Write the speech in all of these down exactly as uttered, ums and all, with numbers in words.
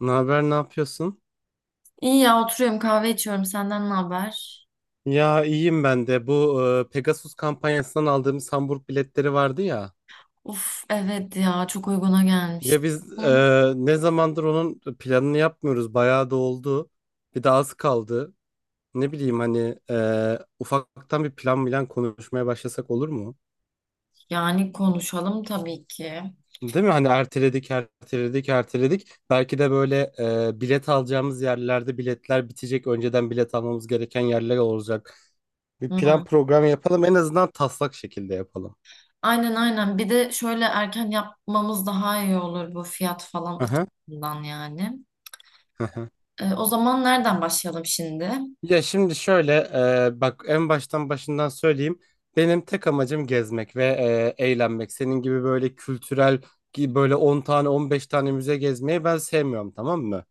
Ne haber, ne yapıyorsun? İyi ya oturuyorum, kahve içiyorum. Senden ne haber? Ya iyiyim ben de. Bu e, Pegasus kampanyasından aldığımız Hamburg biletleri vardı ya. Uf, evet ya, çok uyguna Ya gelmişti. biz Hı. E, ne zamandır onun planını yapmıyoruz. Bayağı da oldu. Bir de az kaldı. Ne bileyim hani e, ufaktan bir plan bilen konuşmaya başlasak olur mu? Yani konuşalım tabii ki. Değil mi? Hani erteledik, erteledik, erteledik. Belki de böyle e, bilet alacağımız yerlerde biletler bitecek. Önceden bilet almamız gereken yerler olacak. Bir plan Hı. program yapalım. En azından taslak şekilde yapalım. Aynen aynen. Bir de şöyle erken yapmamız daha iyi olur bu fiyat falan açısından yani. Hı hı. E, o zaman nereden başlayalım şimdi? Ya şimdi şöyle e, bak en baştan başından söyleyeyim. Benim tek amacım gezmek ve e, eğlenmek. Senin gibi böyle kültürel ki böyle on tane on beş tane müze gezmeyi ben sevmiyorum, tamam mı?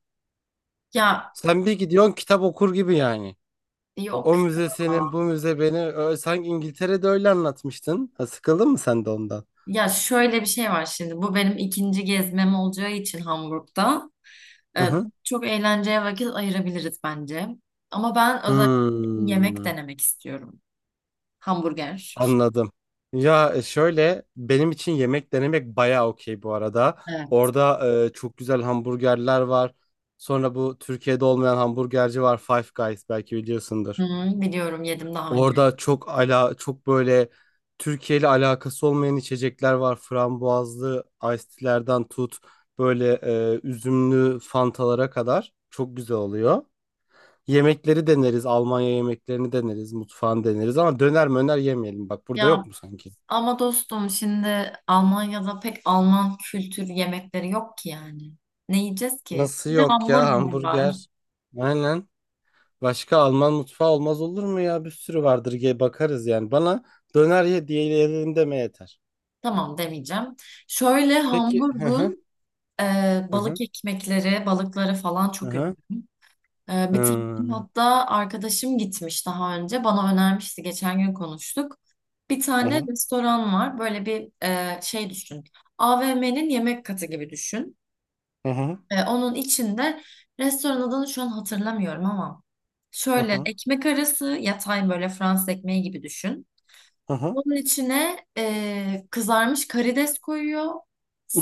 Ya, Sen bir gidiyorsun kitap okur gibi yani. yok O müze senin ya. bu müze beni Ö, sen İngiltere'de öyle anlatmıştın. Ha, sıkıldın mı sen de ondan? Ya şöyle bir şey var şimdi. Bu benim ikinci gezmem olacağı için Hamburg'da. Hı E, hı. Çok eğlenceye vakit ayırabiliriz bence. Ama ben özellikle yemek Hmm. denemek istiyorum. Hamburger. Anladım. Ya e, şöyle benim için yemek denemek bayağı okey bu arada. Evet. Orada e, çok güzel hamburgerler var. Sonra bu Türkiye'de olmayan hamburgerci var, Five Guys, belki Hı biliyorsundur. hı, biliyorum, yedim daha önce. Orada çok ala çok böyle Türkiye ile alakası olmayan içecekler var. Frambuazlı iced tea'lerden tut böyle e, üzümlü fantalara kadar çok güzel oluyor. Yemekleri deneriz, Almanya yemeklerini deneriz, mutfağını deneriz ama döner möner yemeyelim. Bak burada Ya yok mu sanki? ama dostum, şimdi Almanya'da pek Alman kültür yemekleri yok ki yani. Ne yiyeceğiz ki? Nasıl Sadece yok ya hamburger var. hamburger? Aynen. Başka Alman mutfağı olmaz olur mu ya? Bir sürü vardır diye bakarız yani. Bana döner ye diyelim deme yeter. Tamam, demeyeceğim. Şöyle Peki. Hı hı. Hamburg'un e, Hı hı. balık ekmekleri, balıkları falan Hı çok ünlü. hı. E, bir tane hatta arkadaşım gitmiş daha önce. Bana önermişti. Geçen gün konuştuk. Bir Hı tane hı. restoran var. Böyle bir e, şey düşün. a v m'nin yemek katı gibi düşün. Hı hı. E, onun içinde restoran adını şu an hatırlamıyorum ama Hı şöyle hı. ekmek arası yatay, böyle Fransız ekmeği gibi düşün. Hı hı. Onun içine e, kızarmış karides koyuyor.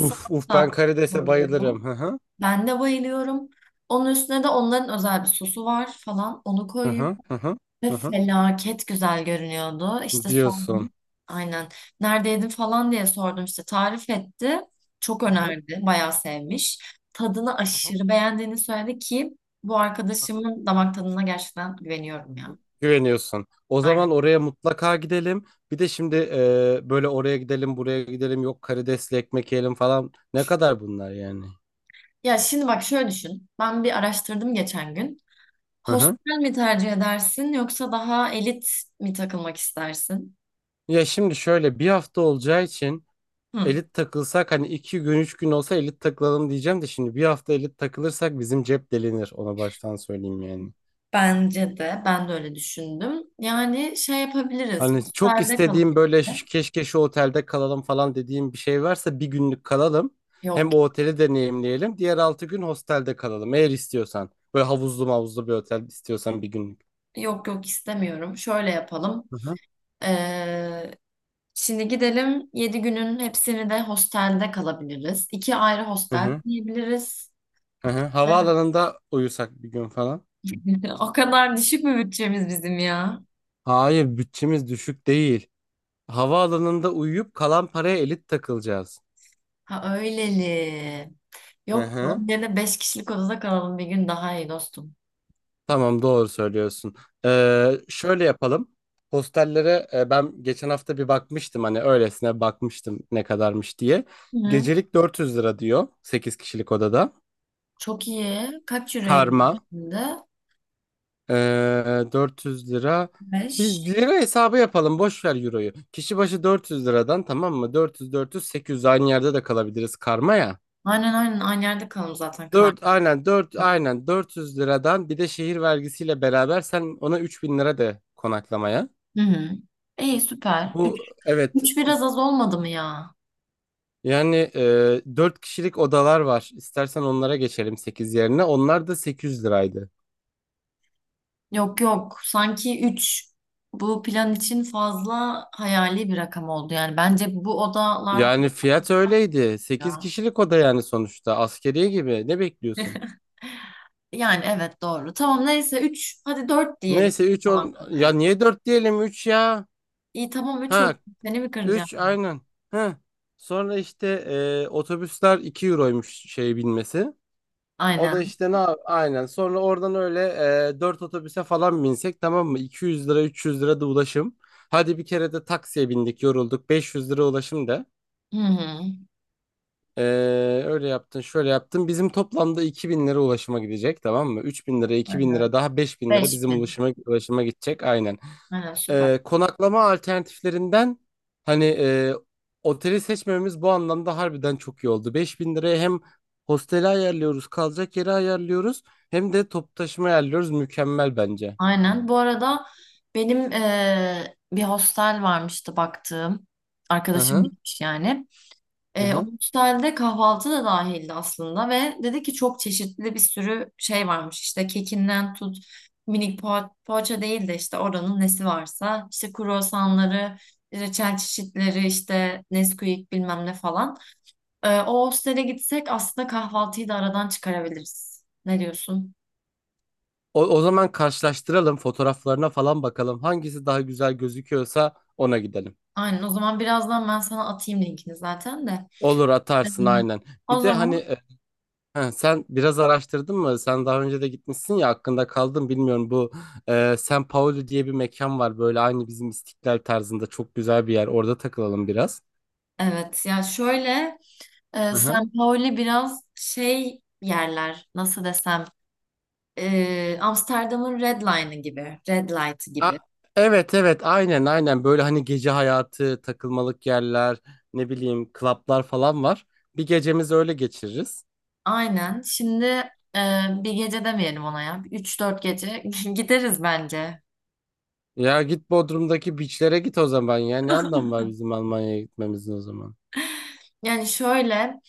Uf uf, ben karidese koyuyor. bayılırım. Hı hı. Ben de bayılıyorum. Onun üstüne de onların özel bir sosu var falan. Onu Hı koyuyor. hı. Hı hı. Ve Hı hı. felaket güzel görünüyordu. İşte Diyorsun. sordum. Aynen. Neredeydin falan diye sordum işte. Tarif etti. Çok Hı hı. önerdi. Bayağı sevmiş. Tadını Hı hı. aşırı beğendiğini söyledi ki bu Hı hı. arkadaşımın damak tadına gerçekten güveniyorum ya. Güveniyorsun. O zaman Aynen. oraya mutlaka gidelim. Bir de şimdi e, böyle oraya gidelim, buraya gidelim, yok karidesli ekmek yiyelim falan. Ne kadar bunlar yani? Ya şimdi bak, şöyle düşün. Ben bir araştırdım geçen gün. Hı hı. Hostel mi tercih edersin, yoksa daha elit mi takılmak istersin? Ya şimdi şöyle, bir hafta olacağı için Hı. elit takılsak, hani iki gün üç gün olsa elit takılalım diyeceğim de, şimdi bir hafta elit takılırsak bizim cep delinir. Ona baştan söyleyeyim yani. Bence de. Ben de öyle düşündüm. Yani şey yapabiliriz. Hani çok Hostelde istediğim kalabiliriz. böyle şu- keşke şu otelde kalalım falan dediğim bir şey varsa bir günlük kalalım. Yok Hem o oteli deneyimleyelim. Diğer altı gün hostelde kalalım eğer istiyorsan. Böyle havuzlu mavuzlu bir otel istiyorsan bir günlük. Yok yok istemiyorum. Şöyle yapalım. Hı hı. Ee, Şimdi gidelim. Yedi günün hepsini de hostelde kalabiliriz. İki ayrı Hı hostel hı. diyebiliriz. Hı hı. Havaalanında uyusak bir gün falan. O kadar düşük mü bütçemiz bizim ya? Hayır, bütçemiz düşük değil. Havaalanında uyuyup kalan paraya elit takılacağız. Ha, öyleli. Hı Yok, hı. onun yerine beş kişilik odada kalalım bir gün, daha iyi dostum. Tamam, doğru söylüyorsun. Ee, şöyle yapalım. Hostellere e, ben geçen hafta bir bakmıştım, hani öylesine bakmıştım ne kadarmış diye. Hı. Gecelik dört yüz lira diyor sekiz kişilik odada. Çok iyi. Kaç euroya gelir Karma, şimdi? e, dört yüz lira. Beş. Biz lira hesabı yapalım, boş ver euroyu. Kişi başı dört yüz liradan, tamam mı? dört yüz dört yüz sekiz yüz, aynı yerde de kalabiliriz karma ya. Aynen aynen, aynı yerde kalalım zaten karnı. dört aynen dört Yok. aynen dört yüz liradan, bir de şehir vergisiyle beraber sen ona üç bin lira de konaklamaya. Hı hı. İyi, süper. Üç Bu evet üç s- biraz az olmadı mı ya? yani e, dört kişilik odalar var. İstersen onlara geçelim sekiz yerine. Onlar da sekiz yüz liraydı. Yok yok. Sanki üç bu plan için fazla hayali bir rakam oldu. Yani bence bu odalar Yani fiyat öyleydi. sekiz ya. kişilik oda yani sonuçta. Askeriye gibi. Ne bekliyorsun? Yani evet, doğru. Tamam neyse, üç hadi dört diyelim Neyse üç on, konaklamaya. ya niye dört diyelim, üç ya? İyi tamam, üç oldu. Ha Seni mi kıracağım üç ben? aynen. Ha sonra işte e, otobüsler iki euroymuş şey binmesi. O da Aynen. işte ne yap- aynen. Sonra oradan öyle, e, dört otobüse falan binsek tamam mı? iki yüz lira üç yüz lira da ulaşım. Hadi bir kere de taksiye bindik yorulduk. Beş yüz lira ulaşım da. Hı hı. E, Öyle yaptın şöyle yaptın. Bizim toplamda iki bin lira ulaşıma gidecek tamam mı? Üç bin lira iki bin Aynen. lira daha beş bin lira bizim beş bin. ulaşıma, ulaşıma gidecek aynen. Aynen süper. E, konaklama alternatiflerinden hani e, oteli seçmememiz bu anlamda harbiden çok iyi oldu. Beş bin liraya hem hosteli ayarlıyoruz, kalacak yeri ayarlıyoruz, hem de toplu taşıma ayarlıyoruz. Mükemmel bence. Aynen. Bu arada benim eee, bir hostel varmıştı baktığım. Hı Arkadaşım hı. gitmiş yani. Hı E, o hı. müsaaade kahvaltı da dahildi aslında ve dedi ki çok çeşitli bir sürü şey varmış işte kekinden tut, minik poğa poğaça değil de işte oranın nesi varsa işte kruvasanları, reçel çeşitleri, işte Nesquik bilmem ne falan. E, o hostele gitsek aslında kahvaltıyı da aradan çıkarabiliriz. Ne diyorsun? O, o zaman karşılaştıralım, fotoğraflarına falan bakalım. Hangisi daha güzel gözüküyorsa ona gidelim. Aynen, o zaman birazdan ben sana atayım linkini zaten de. Olur, Ee, atarsın aynen. O Bir de hani zaman e, Ha, sen biraz araştırdın mı? Sen daha önce de gitmişsin ya, hakkında kaldım bilmiyorum. Bu e, San Paolo diye bir mekan var, böyle aynı bizim İstiklal tarzında çok güzel bir yer. Orada takılalım biraz. evet ya, şöyle Ee, Hı hı. San Pauli biraz şey yerler, nasıl desem, ee, Amsterdam'ın Red Line'ı gibi Red Light'ı A- gibi. evet evet aynen aynen, böyle hani gece hayatı, takılmalık yerler, ne bileyim klaplar falan var. Bir gecemizi öyle geçiririz. Aynen şimdi, ee, bir gece demeyelim ona ya, üç dört gece gideriz bence. Ya git Bodrum'daki beachlere git o zaman, ya ne anlamı var bizim Almanya'ya gitmemizin o zaman. Yani şöyle,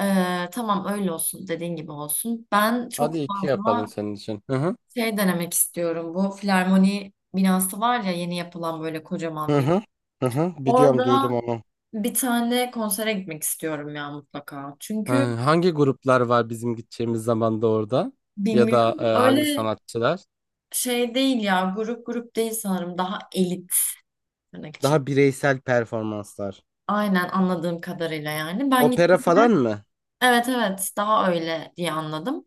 ee, tamam öyle olsun, dediğin gibi olsun. Ben çok Hadi iki fazla yapalım senin için. Hı hı. şey denemek istiyorum, bu Filarmoni binası var ya, yeni yapılan, böyle kocaman Hı bir. hı. Hı hı. Biliyorum, Orada duydum onu. bir tane konsere gitmek istiyorum ya mutlaka. Ha, Çünkü hangi gruplar var bizim gideceğimiz zamanda orada? Ya da bilmiyorum. e, hangi Öyle sanatçılar? şey değil ya. Grup grup değil sanırım. Daha elit, tırnak için. Daha bireysel performanslar. Aynen, anladığım kadarıyla yani. Ben Opera falan gittiğimde mı? Evet evet, daha öyle diye anladım.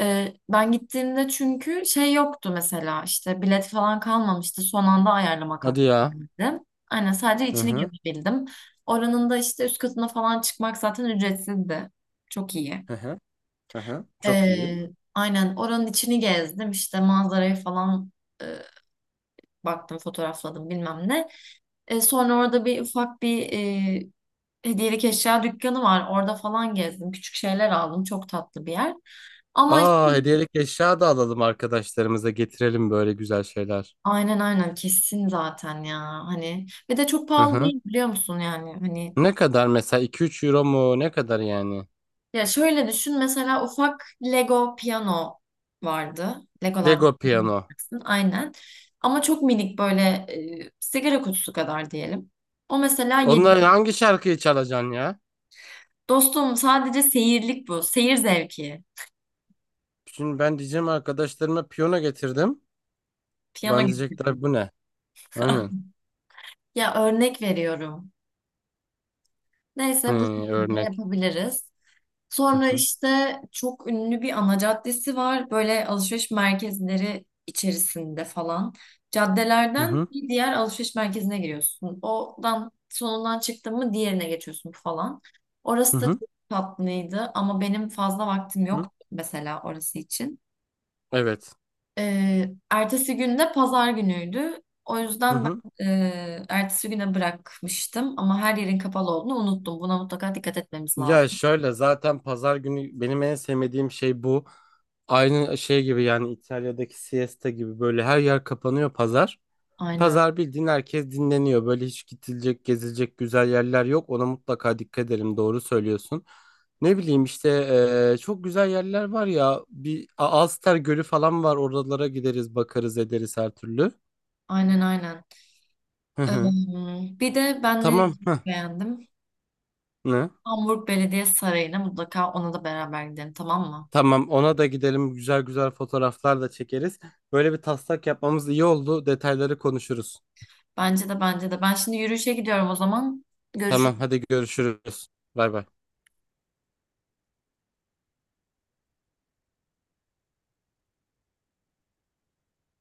Ee, ben gittiğimde çünkü şey yoktu, mesela işte bilet falan kalmamıştı. Son anda ayarlamak Hadi ya. hakkındaydı. Aynen, sadece Hı içini hı. gezebildim. Oranın da işte üst katına falan çıkmak zaten ücretsizdi. Çok iyi. Hı hı. Hı hı. Çok iyi. Ee, aynen oranın içini gezdim işte, manzarayı falan e, baktım, fotoğrafladım, bilmem ne. E, sonra orada bir ufak bir e, hediyelik eşya dükkanı var. Orada falan gezdim. Küçük şeyler aldım. Çok tatlı bir yer. Ama Aa, işte hediyelik eşya da alalım, arkadaşlarımıza getirelim böyle güzel şeyler. aynen aynen, kesin zaten ya. Hani ve de çok Hı pahalı hı. değil, biliyor musun yani. Hani Ne kadar mesela, iki üç euro mu? Ne kadar yani? ya şöyle düşün, mesela ufak Lego piyano vardı. Legolarda Lego piyano. yapacaksın, aynen. Ama çok minik, böyle e, sigara kutusu kadar diyelim. O mesela yedi. Onların hangi şarkıyı çalacaksın ya? Dostum sadece seyirlik bu. Seyir zevki. Şimdi ben diyeceğim arkadaşlarıma piyano getirdim. Piyano Bana getirdim. diyecekler bu ne? Aynen. Ya, örnek veriyorum. Hı, Neyse, bu şekilde örnek. yapabiliriz. Sonra işte çok ünlü bir ana caddesi var, böyle alışveriş merkezleri içerisinde falan. Hı Caddelerden hı. bir diğer alışveriş merkezine giriyorsun. Odan sonundan çıktın mı diğerine geçiyorsun falan. Hı Orası da hı. çok tatlıydı, ama benim fazla vaktim Hı yok mesela orası için. Evet. Ee, ertesi gün de pazar günüydü. O Hı. yüzden Hı. ben e, ertesi güne bırakmıştım, ama her yerin kapalı olduğunu unuttum. Buna mutlaka dikkat etmemiz Ya lazım. şöyle, zaten pazar günü benim en sevmediğim şey bu. Aynı şey gibi yani, İtalya'daki siesta gibi, böyle her yer kapanıyor pazar. Aynen, Pazar bildiğin herkes dinleniyor. Böyle hiç gidilecek, gezilecek güzel yerler yok. Ona mutlaka dikkat edelim. Doğru söylüyorsun. Ne bileyim işte eee, çok güzel yerler var ya. Bir A- Alster Gölü falan var. Oralara gideriz, bakarız, ederiz her türlü. aynen, aynen. Hı hı. Ee, bir de ben nereyi Tamam. çok Hı. beğendim? Ne? Hamburg Belediye Sarayı'na, mutlaka ona da beraber gidelim, tamam mı? Tamam, ona da gidelim, güzel güzel fotoğraflar da çekeriz. Böyle bir taslak yapmamız iyi oldu. Detayları konuşuruz. Bence de, bence de. Ben şimdi yürüyüşe gidiyorum o zaman. Tamam Görüşürüz. hadi görüşürüz. Bay bay.